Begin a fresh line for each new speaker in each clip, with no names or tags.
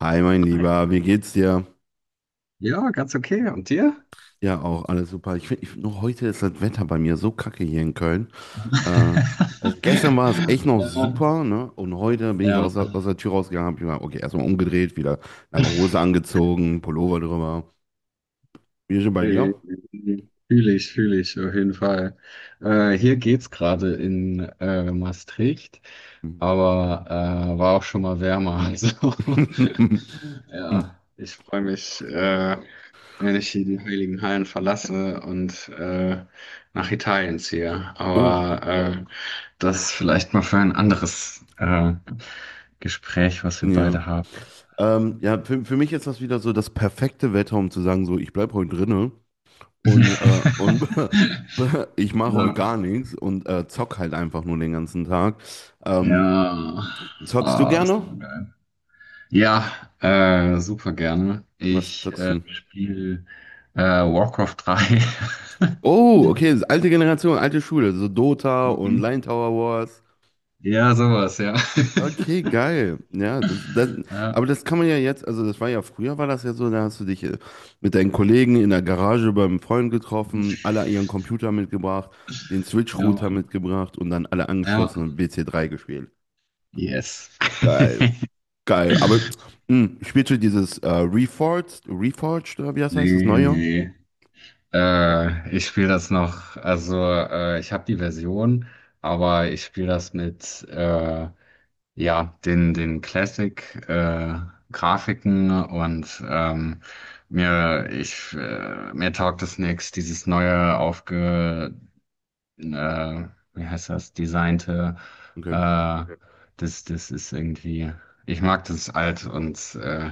Hi, mein Lieber, wie geht's dir?
Ja, ganz okay. Und dir?
Ja, auch alles super. Ich finde, nur heute ist das Wetter bei mir so kacke hier in Köln. Äh, also gestern war es echt noch
Ja,
super, ne? Und heute bin ich
ja,
aus, aus der Tür rausgegangen, hab ich mal, okay, erstmal umgedreht, wieder lange Hose angezogen, Pullover drüber. Wie ist es bei dir?
Äh, fühle ich auf jeden Fall. Hier geht's gerade in Maastricht,
Hm.
aber war auch schon mal wärmer. Also, ja, ich freue mich, wenn ich hier die Heiligen Hallen verlasse und nach Italien ziehe.
Oh,
Aber das vielleicht mal für ein anderes Gespräch, was wir
ja.
beide haben.
Ja, für mich ist das wieder so das perfekte Wetter, um zu sagen, so, ich bleib heute drinne. Und ich mache heute gar
Ja,
nichts und zock halt einfach nur den ganzen Tag. Ähm,
ja.
Zockst du
Ah, das ist
gerne?
immer geil. Ja, super gerne.
Was
Ich
zockst du denn?
spiele Warcraft 3.
Oh, okay, das ist alte Generation, alte Schule, so Dota und
Mhm.
Line Tower Wars.
Ja, sowas, ja.
Okay, geil. Ja, aber
Ja,
das kann man ja jetzt, also das war ja früher, war das ja so, da hast du dich mit deinen Kollegen in der Garage beim Freund getroffen, alle ihren Computer mitgebracht, den
ja,
Switch-Router
Mann.
mitgebracht und dann alle
Ja,
angeschlossen und wc drei gespielt.
yes.
Geil. Geil, aber mh, spielst du dieses Reforged oder wie das heißt, das
Nee,
neue?
nee. Ich spiele das noch, also ich habe die Version, aber ich spiele das mit ja, den Classic, Grafiken, und mir taugt es nix, dieses neue aufge, äh, wie heißt das, designte,
Okay.
äh, das ist irgendwie, ich mag das alt und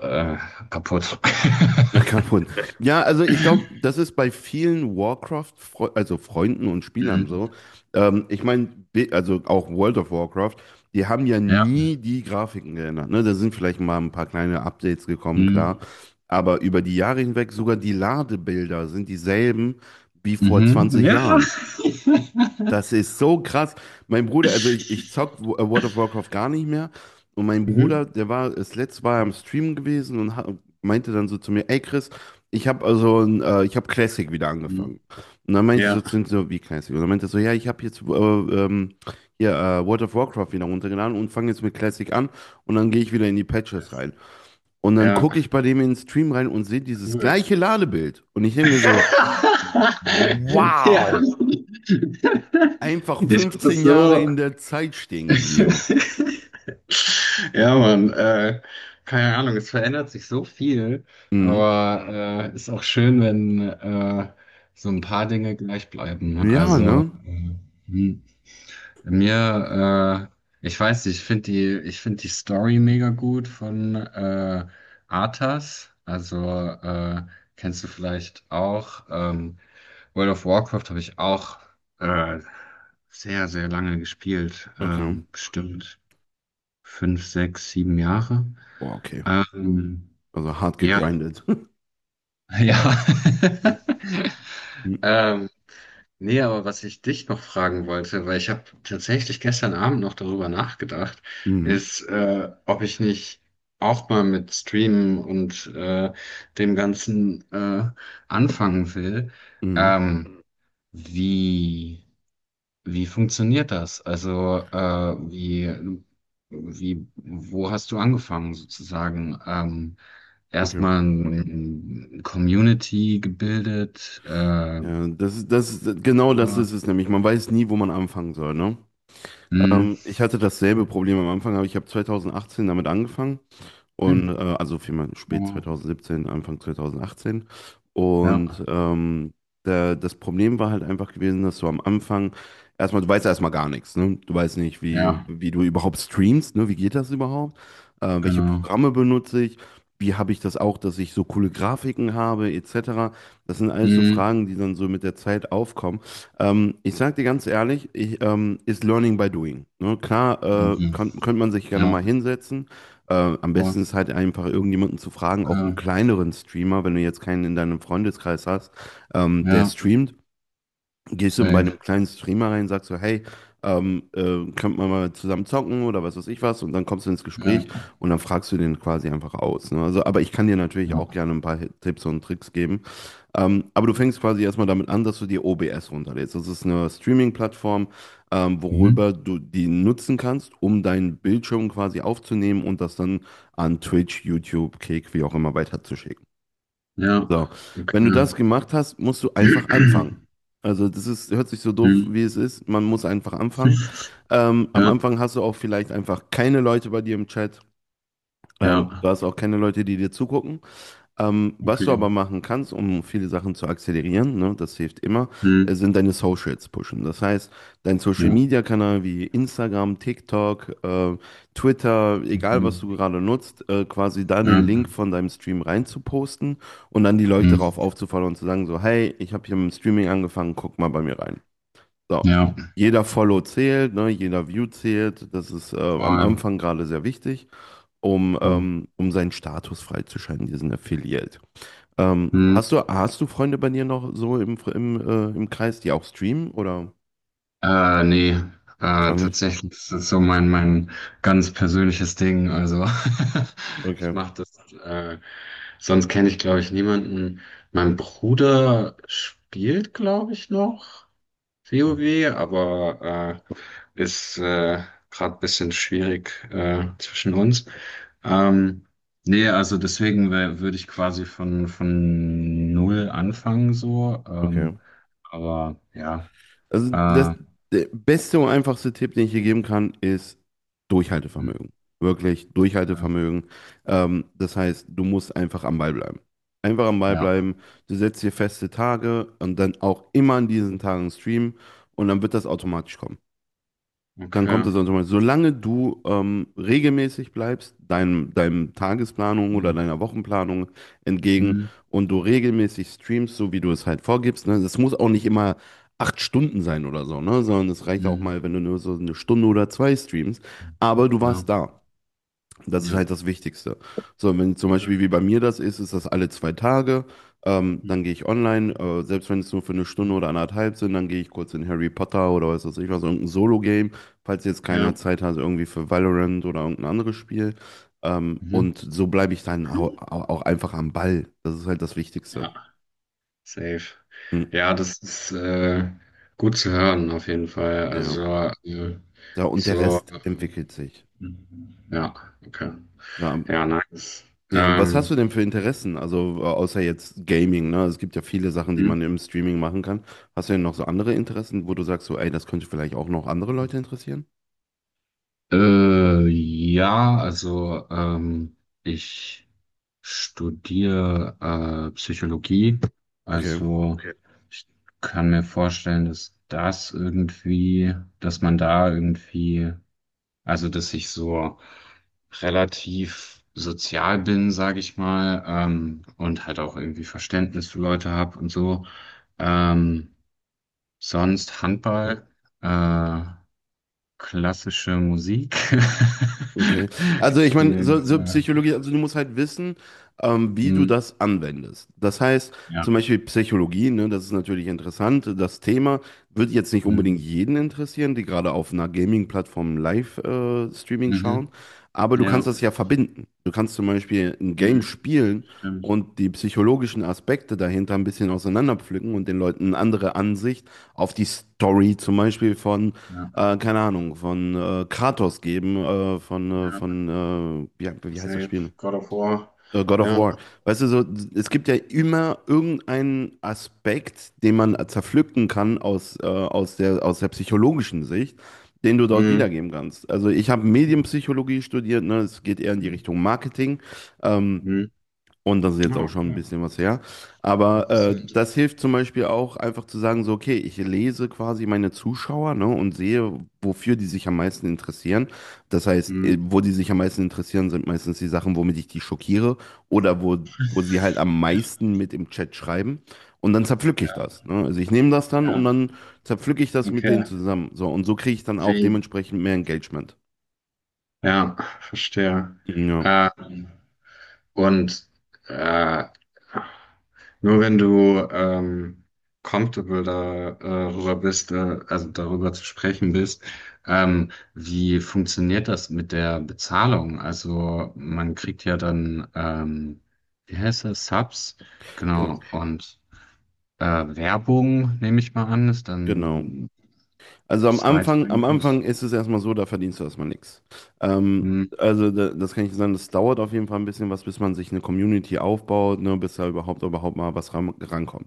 äh, kaputt.
Ja, kaputt. Ja, also ich glaube, das ist bei vielen Warcraft, also Freunden und Spielern
Mhm.
so. Ich meine, also auch World of Warcraft, die haben ja
Ja.
nie die Grafiken geändert. Ne? Da sind vielleicht mal ein paar kleine Updates gekommen, klar.
Mhm.
Aber über die Jahre hinweg sogar die Ladebilder sind dieselben wie vor
Mhm.
20
Ja.
Jahren. Das ist so krass. Mein Bruder, also ich zock World of Warcraft gar nicht mehr. Und mein Bruder,
Mhm.
der war, das letzte Mal am Stream gewesen und meinte dann so zu mir, ey Chris, ich habe also, ich habe Classic wieder angefangen.
Mhm.
Und dann meinte ich so
Ja.
zu ihm so, wie Classic? Und dann meinte er so, ja, ich habe jetzt hier World of Warcraft wieder runtergeladen und fange jetzt mit Classic an und dann gehe ich wieder in die Patches rein. Und dann
Ja,
gucke ich bei dem in den Stream rein und sehe dieses
cool.
gleiche Ladebild. Und ich denke mir so,
Ja.
wow, einfach
Ich hab das
15 Jahre
so.
in der Zeit stehen geblieben.
Ja, Mann. Keine Ahnung, es verändert sich so viel,
Mhm.
aber ist auch schön, wenn so ein paar Dinge gleich bleiben, ne?
Ja,
Also,
ne?
hm. mir, ich weiß nicht, ich finde die Story mega gut von Arthas. Also, äh, kennst du vielleicht auch. World of Warcraft habe ich auch äh, sehr, sehr lange gespielt.
Okay.
Bestimmt 5, 6, 7 Jahre.
Boah, okay.
Ähm,
Also hart
ja,
gegrindet.
ja.
Mhm.
Ähm, nee, aber was ich dich noch fragen wollte, weil ich habe tatsächlich gestern Abend noch darüber nachgedacht,
Mhm.
ist, ob ich nicht auch mal mit Streamen und dem Ganzen anfangen will.
Mhm.
Ähm, wie. Wie funktioniert das? Also, wo hast du angefangen sozusagen?
Okay.
Erstmal eine Community gebildet.
Ja, genau das
Äh,
ist es nämlich. Man weiß nie, wo man anfangen soll, ne?
hm,
Ich hatte dasselbe Problem am Anfang, aber ich habe 2018 damit angefangen. Und
hm,
also vielmehr spät
oh,
2017, Anfang 2018.
ja,
Und das Problem war halt einfach gewesen, dass du am Anfang erstmal, du weißt ja erstmal gar nichts, ne? Du weißt nicht,
ja,
wie du überhaupt streamst, ne? Wie geht das überhaupt? Welche
genau.
Programme benutze ich? Wie habe ich das auch, dass ich so coole Grafiken habe, etc. Das sind alles so
Hm,
Fragen, die dann so mit der Zeit aufkommen. Ich sage dir ganz ehrlich, ist Learning by Doing. Ne? Klar,
okay,
könnte man sich gerne
ja,
mal hinsetzen, am
okay,
besten ist halt einfach irgendjemanden zu fragen, auch einen kleineren Streamer, wenn du jetzt keinen in deinem Freundeskreis hast, der
ja,
streamt, gehst du bei einem
safe,
kleinen Streamer rein, sagst so, hey, könnt man mal zusammen zocken oder was weiß ich was und dann kommst du ins Gespräch
ja,
und dann fragst du den quasi einfach aus. Ne? Also, aber ich kann dir natürlich
ja,
auch gerne ein paar Tipps und Tricks geben. Aber du fängst quasi erstmal damit an, dass du dir OBS runterlädst. Das ist eine Streaming-Plattform,
mhm,
worüber du die nutzen kannst, um deinen Bildschirm quasi aufzunehmen und das dann an Twitch, YouTube, Kick, wie auch immer weiterzuschicken.
ja,
So, wenn du das
okay,
gemacht hast, musst du einfach anfangen. Also das ist, hört sich so doof, wie es
hm,
ist. Man muss einfach anfangen. Am
ja,
Anfang hast du auch vielleicht einfach keine Leute bei dir im Chat. Du
ja,
hast auch keine Leute, die dir zugucken. Was du
okay,
aber machen kannst, um viele Sachen zu akzelerieren, ne, das hilft immer,
hm,
sind deine Socials pushen. Das heißt, dein Social
ja,
Media Kanal wie Instagram, TikTok, Twitter, egal was du
okay.
gerade nutzt, quasi da
Ja,
den Link von deinem Stream rein zu posten und dann die Leute darauf
mhm.
aufzufallen und zu sagen so, hey, ich habe hier mit dem Streaming angefangen, guck mal bei mir rein. So.
Ja,
Jeder Follow zählt, ne, jeder View zählt. Das ist am
voll.
Anfang gerade sehr wichtig, um seinen Status freizuschalten, diesen Affiliate.
Mhm.
Hast du Freunde bei dir noch so im Kreis, die auch streamen oder
Nee,
gar nicht?
tatsächlich, das ist so mein ganz persönliches Ding. Also, ich
Okay,
mache das, sonst kenne ich, glaube ich, niemanden. Mein Bruder spielt, glaube ich, noch WoW, aber äh, ist gerade ein bisschen schwierig zwischen uns. Ähm, nee, also deswegen würde ich quasi von null anfangen so.
okay.
Aber ja.
Also das,
Äh,
der beste und einfachste Tipp, den ich hier geben kann, ist
hm,
Durchhaltevermögen. Wirklich Durchhaltevermögen. Das heißt, du musst einfach am Ball bleiben. Einfach am Ball
ja.
bleiben. Du setzt dir feste Tage und dann auch immer an diesen Tagen streamen und dann wird das automatisch kommen. Dann kommt
Okay.
es dann mal, solange du regelmäßig bleibst, deinem Tagesplanung oder
Hm,
deiner Wochenplanung entgegen
hm,
und du regelmäßig streamst, so wie du es halt vorgibst, ne? Das muss auch nicht immer 8 Stunden sein oder so, ne? Sondern es reicht auch
hm.
mal, wenn du nur so eine Stunde oder zwei streamst, aber du
Ja,
warst da. Das ist
ja.
halt das Wichtigste. So, wenn zum
Okay.
Beispiel wie bei mir das ist, ist das alle 2 Tage.
Hm,
Dann gehe ich online, selbst wenn es nur für eine
hm.
Stunde oder anderthalb sind, dann gehe ich kurz in Harry Potter oder was weiß ich was, irgendein Solo-Game, falls jetzt keiner
Ja.
Zeit hat, irgendwie für Valorant oder irgendein anderes Spiel.
Mhm.
Und so bleibe ich dann auch einfach am Ball. Das ist halt das Wichtigste.
Ja, safe.
Hm,
Ja, das ist gut zu hören, auf jeden Fall.
ja.
Also, äh,
Ja, und der
so.
Rest entwickelt sich.
Mhm. Ja, okay.
Ja,
Ja, nice.
ja, was hast du
Ähm,
denn für Interessen? Also außer jetzt Gaming, ne? Es gibt ja viele Sachen, die man
hm?
im Streaming machen kann. Hast du denn noch so andere Interessen, wo du sagst, so, ey, das könnte vielleicht auch noch andere Leute interessieren?
Ja, also, ich studiere Psychologie.
Okay.
Also okay. Ich kann mir vorstellen, dass das irgendwie, dass man da irgendwie, also dass ich so relativ sozial bin, sage ich mal, und halt auch irgendwie Verständnis für Leute habe und so. Ähm, Sonst Handball, äh, klassische Musik.
Okay. Also
Ich
ich meine,
spiele,
so Psychologie, also du musst halt wissen, wie du
hm,
das anwendest. Das heißt,
ja,
zum Beispiel Psychologie, ne, das ist natürlich interessant. Das Thema wird jetzt nicht unbedingt
hm,
jeden interessieren, die gerade auf einer Gaming-Plattform Live-Streaming schauen.
mhm,
Aber du kannst
ja,
das ja verbinden. Du kannst zum Beispiel ein Game
hm,
spielen
stimmt,
und die psychologischen Aspekte dahinter ein bisschen auseinanderpflücken und den Leuten eine andere Ansicht auf die Story zum Beispiel von
ja,
keine Ahnung, von Kratos geben,
ja,
von ja, wie heißt das Spiel?
safe, God of War,
God of
ja,
War. Weißt du, so, es gibt ja immer irgendeinen Aspekt, den man zerpflücken kann aus aus der psychologischen Sicht, den du dort
hm,
wiedergeben kannst. Also ich habe
hm,
Medienpsychologie studiert, ne? Es geht eher in die Richtung Marketing. Ähm,
hm,
und das ist jetzt auch
ah,
schon ein
okay,
bisschen was her. Aber
interessant,
das hilft zum Beispiel auch einfach zu sagen, so, okay, ich lese quasi meine Zuschauer, ne, und sehe, wofür die sich am meisten interessieren. Das heißt,
hm,
wo die sich am meisten interessieren, sind meistens die Sachen, womit ich die schockiere oder wo sie halt am meisten mit im Chat schreiben. Und dann zerpflücke ich
ja,
das. Ne? Also ich nehme das dann und
ja,
dann zerpflücke ich das mit denen
okay,
zusammen. So, und so kriege ich dann auch
wie,
dementsprechend mehr Engagement.
ja, verstehe.
Ja,
Äh, Und äh, nur wenn du comfortable darüber bist, also darüber zu sprechen bist, wie funktioniert das mit der Bezahlung? Also, man kriegt ja dann, wie heißt das, Subs, genau,
genau,
und Werbung, nehme ich mal an, ist
genau.
dann
Also
zweite
Am Anfang
Einkunft.
ist es erstmal so, da verdienst du erstmal nichts.
Hm,
Also da, das kann ich sagen, das dauert auf jeden Fall ein bisschen was, bis man sich eine Community aufbaut, ne, bis da überhaupt mal was rankommt.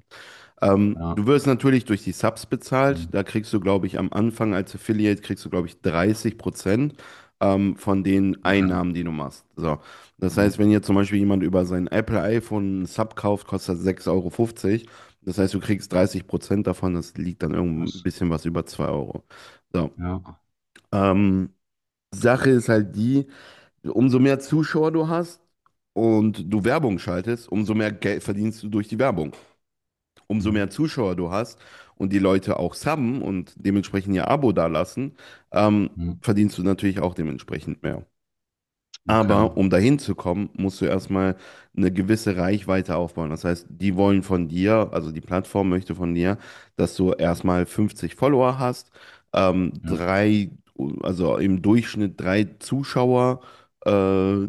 ja,
Du wirst natürlich durch die Subs bezahlt.
hm,
Da kriegst du, glaube ich, am Anfang als Affiliate, kriegst du, glaube ich, 30% von den
okay,
Einnahmen, die du machst. So. Das
ja,
heißt, wenn jetzt zum Beispiel jemand über sein Apple iPhone einen Sub kauft, kostet das 6,50 Euro. Fünfzig. Das heißt, du kriegst 30% davon. Das liegt dann irgend ein
was,
bisschen was über 2 Euro. So.
ja,
Ähm, Sache ist halt die, umso mehr Zuschauer du hast und du Werbung schaltest, umso mehr Geld verdienst du durch die Werbung, umso mehr
hm,
Zuschauer du hast und die Leute auch subben und dementsprechend ihr Abo dalassen, ähm,
hm,
verdienst du natürlich auch dementsprechend mehr.
okay,
Aber um dahin zu kommen, musst du erstmal eine gewisse Reichweite aufbauen. Das heißt, die wollen von dir, also die Plattform möchte von dir, dass du erstmal 50 Follower hast, ähm,
ja,
drei, also im Durchschnitt drei Zuschauer. Äh,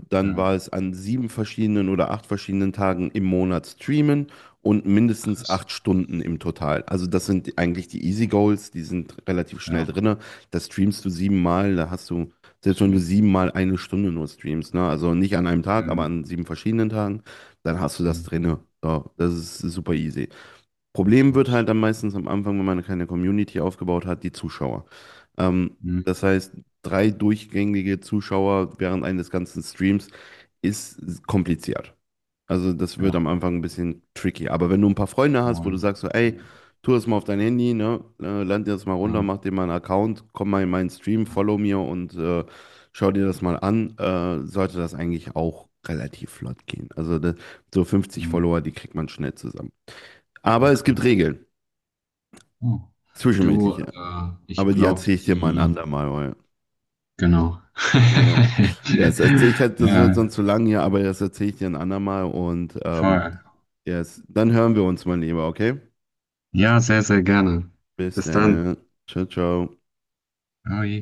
Dann war
ja.
es an 7 verschiedenen oder 8 verschiedenen Tagen im Monat streamen und mindestens
Krass.
8 Stunden im Total. Also das sind eigentlich die Easy Goals, die sind relativ schnell
Ja,
drin. Das streamst du siebenmal, da hast du selbst wenn du
safe.
siebenmal eine Stunde nur streamst, ne? Also nicht an einem Tag, aber
Mhm.
an 7 verschiedenen Tagen, dann hast du das
Mhm.
drinne. So, das ist super easy. Problem wird
Nice.
halt dann meistens am Anfang, wenn man keine Community aufgebaut hat, die Zuschauer. Ähm, Das
Mhm.
heißt, drei durchgängige Zuschauer während eines ganzen Streams ist kompliziert. Also das wird
Ja,
am Anfang ein bisschen tricky. Aber wenn du ein paar Freunde hast, wo du
moin.
sagst so,
Ja.
ey, tu das mal auf dein Handy, ne? Lad dir das mal runter, mach dir mal einen Account, komm mal in meinen Stream,
Ja.
follow mir und schau dir das mal an, sollte das eigentlich auch relativ flott gehen. Also so 50
Mhm.
Follower, die kriegt man schnell zusammen. Aber es
Okay.
gibt Regeln,
Oh. Du,
zwischenmenschliche.
ich
Aber die
glaube,
erzähle ich dir mal ein
die,
andermal. Weil,
genau.
ja. Ja, ich hatte, das wird
Ja,
sonst zu lang hier, aber das erzähle ich dir ein andermal und
voll.
yes, dann hören wir uns, mein Lieber, okay?
Ja, sehr, sehr gerne.
Bis
Bis
dann,
dann.
ne? Ciao, ciao.
Oi.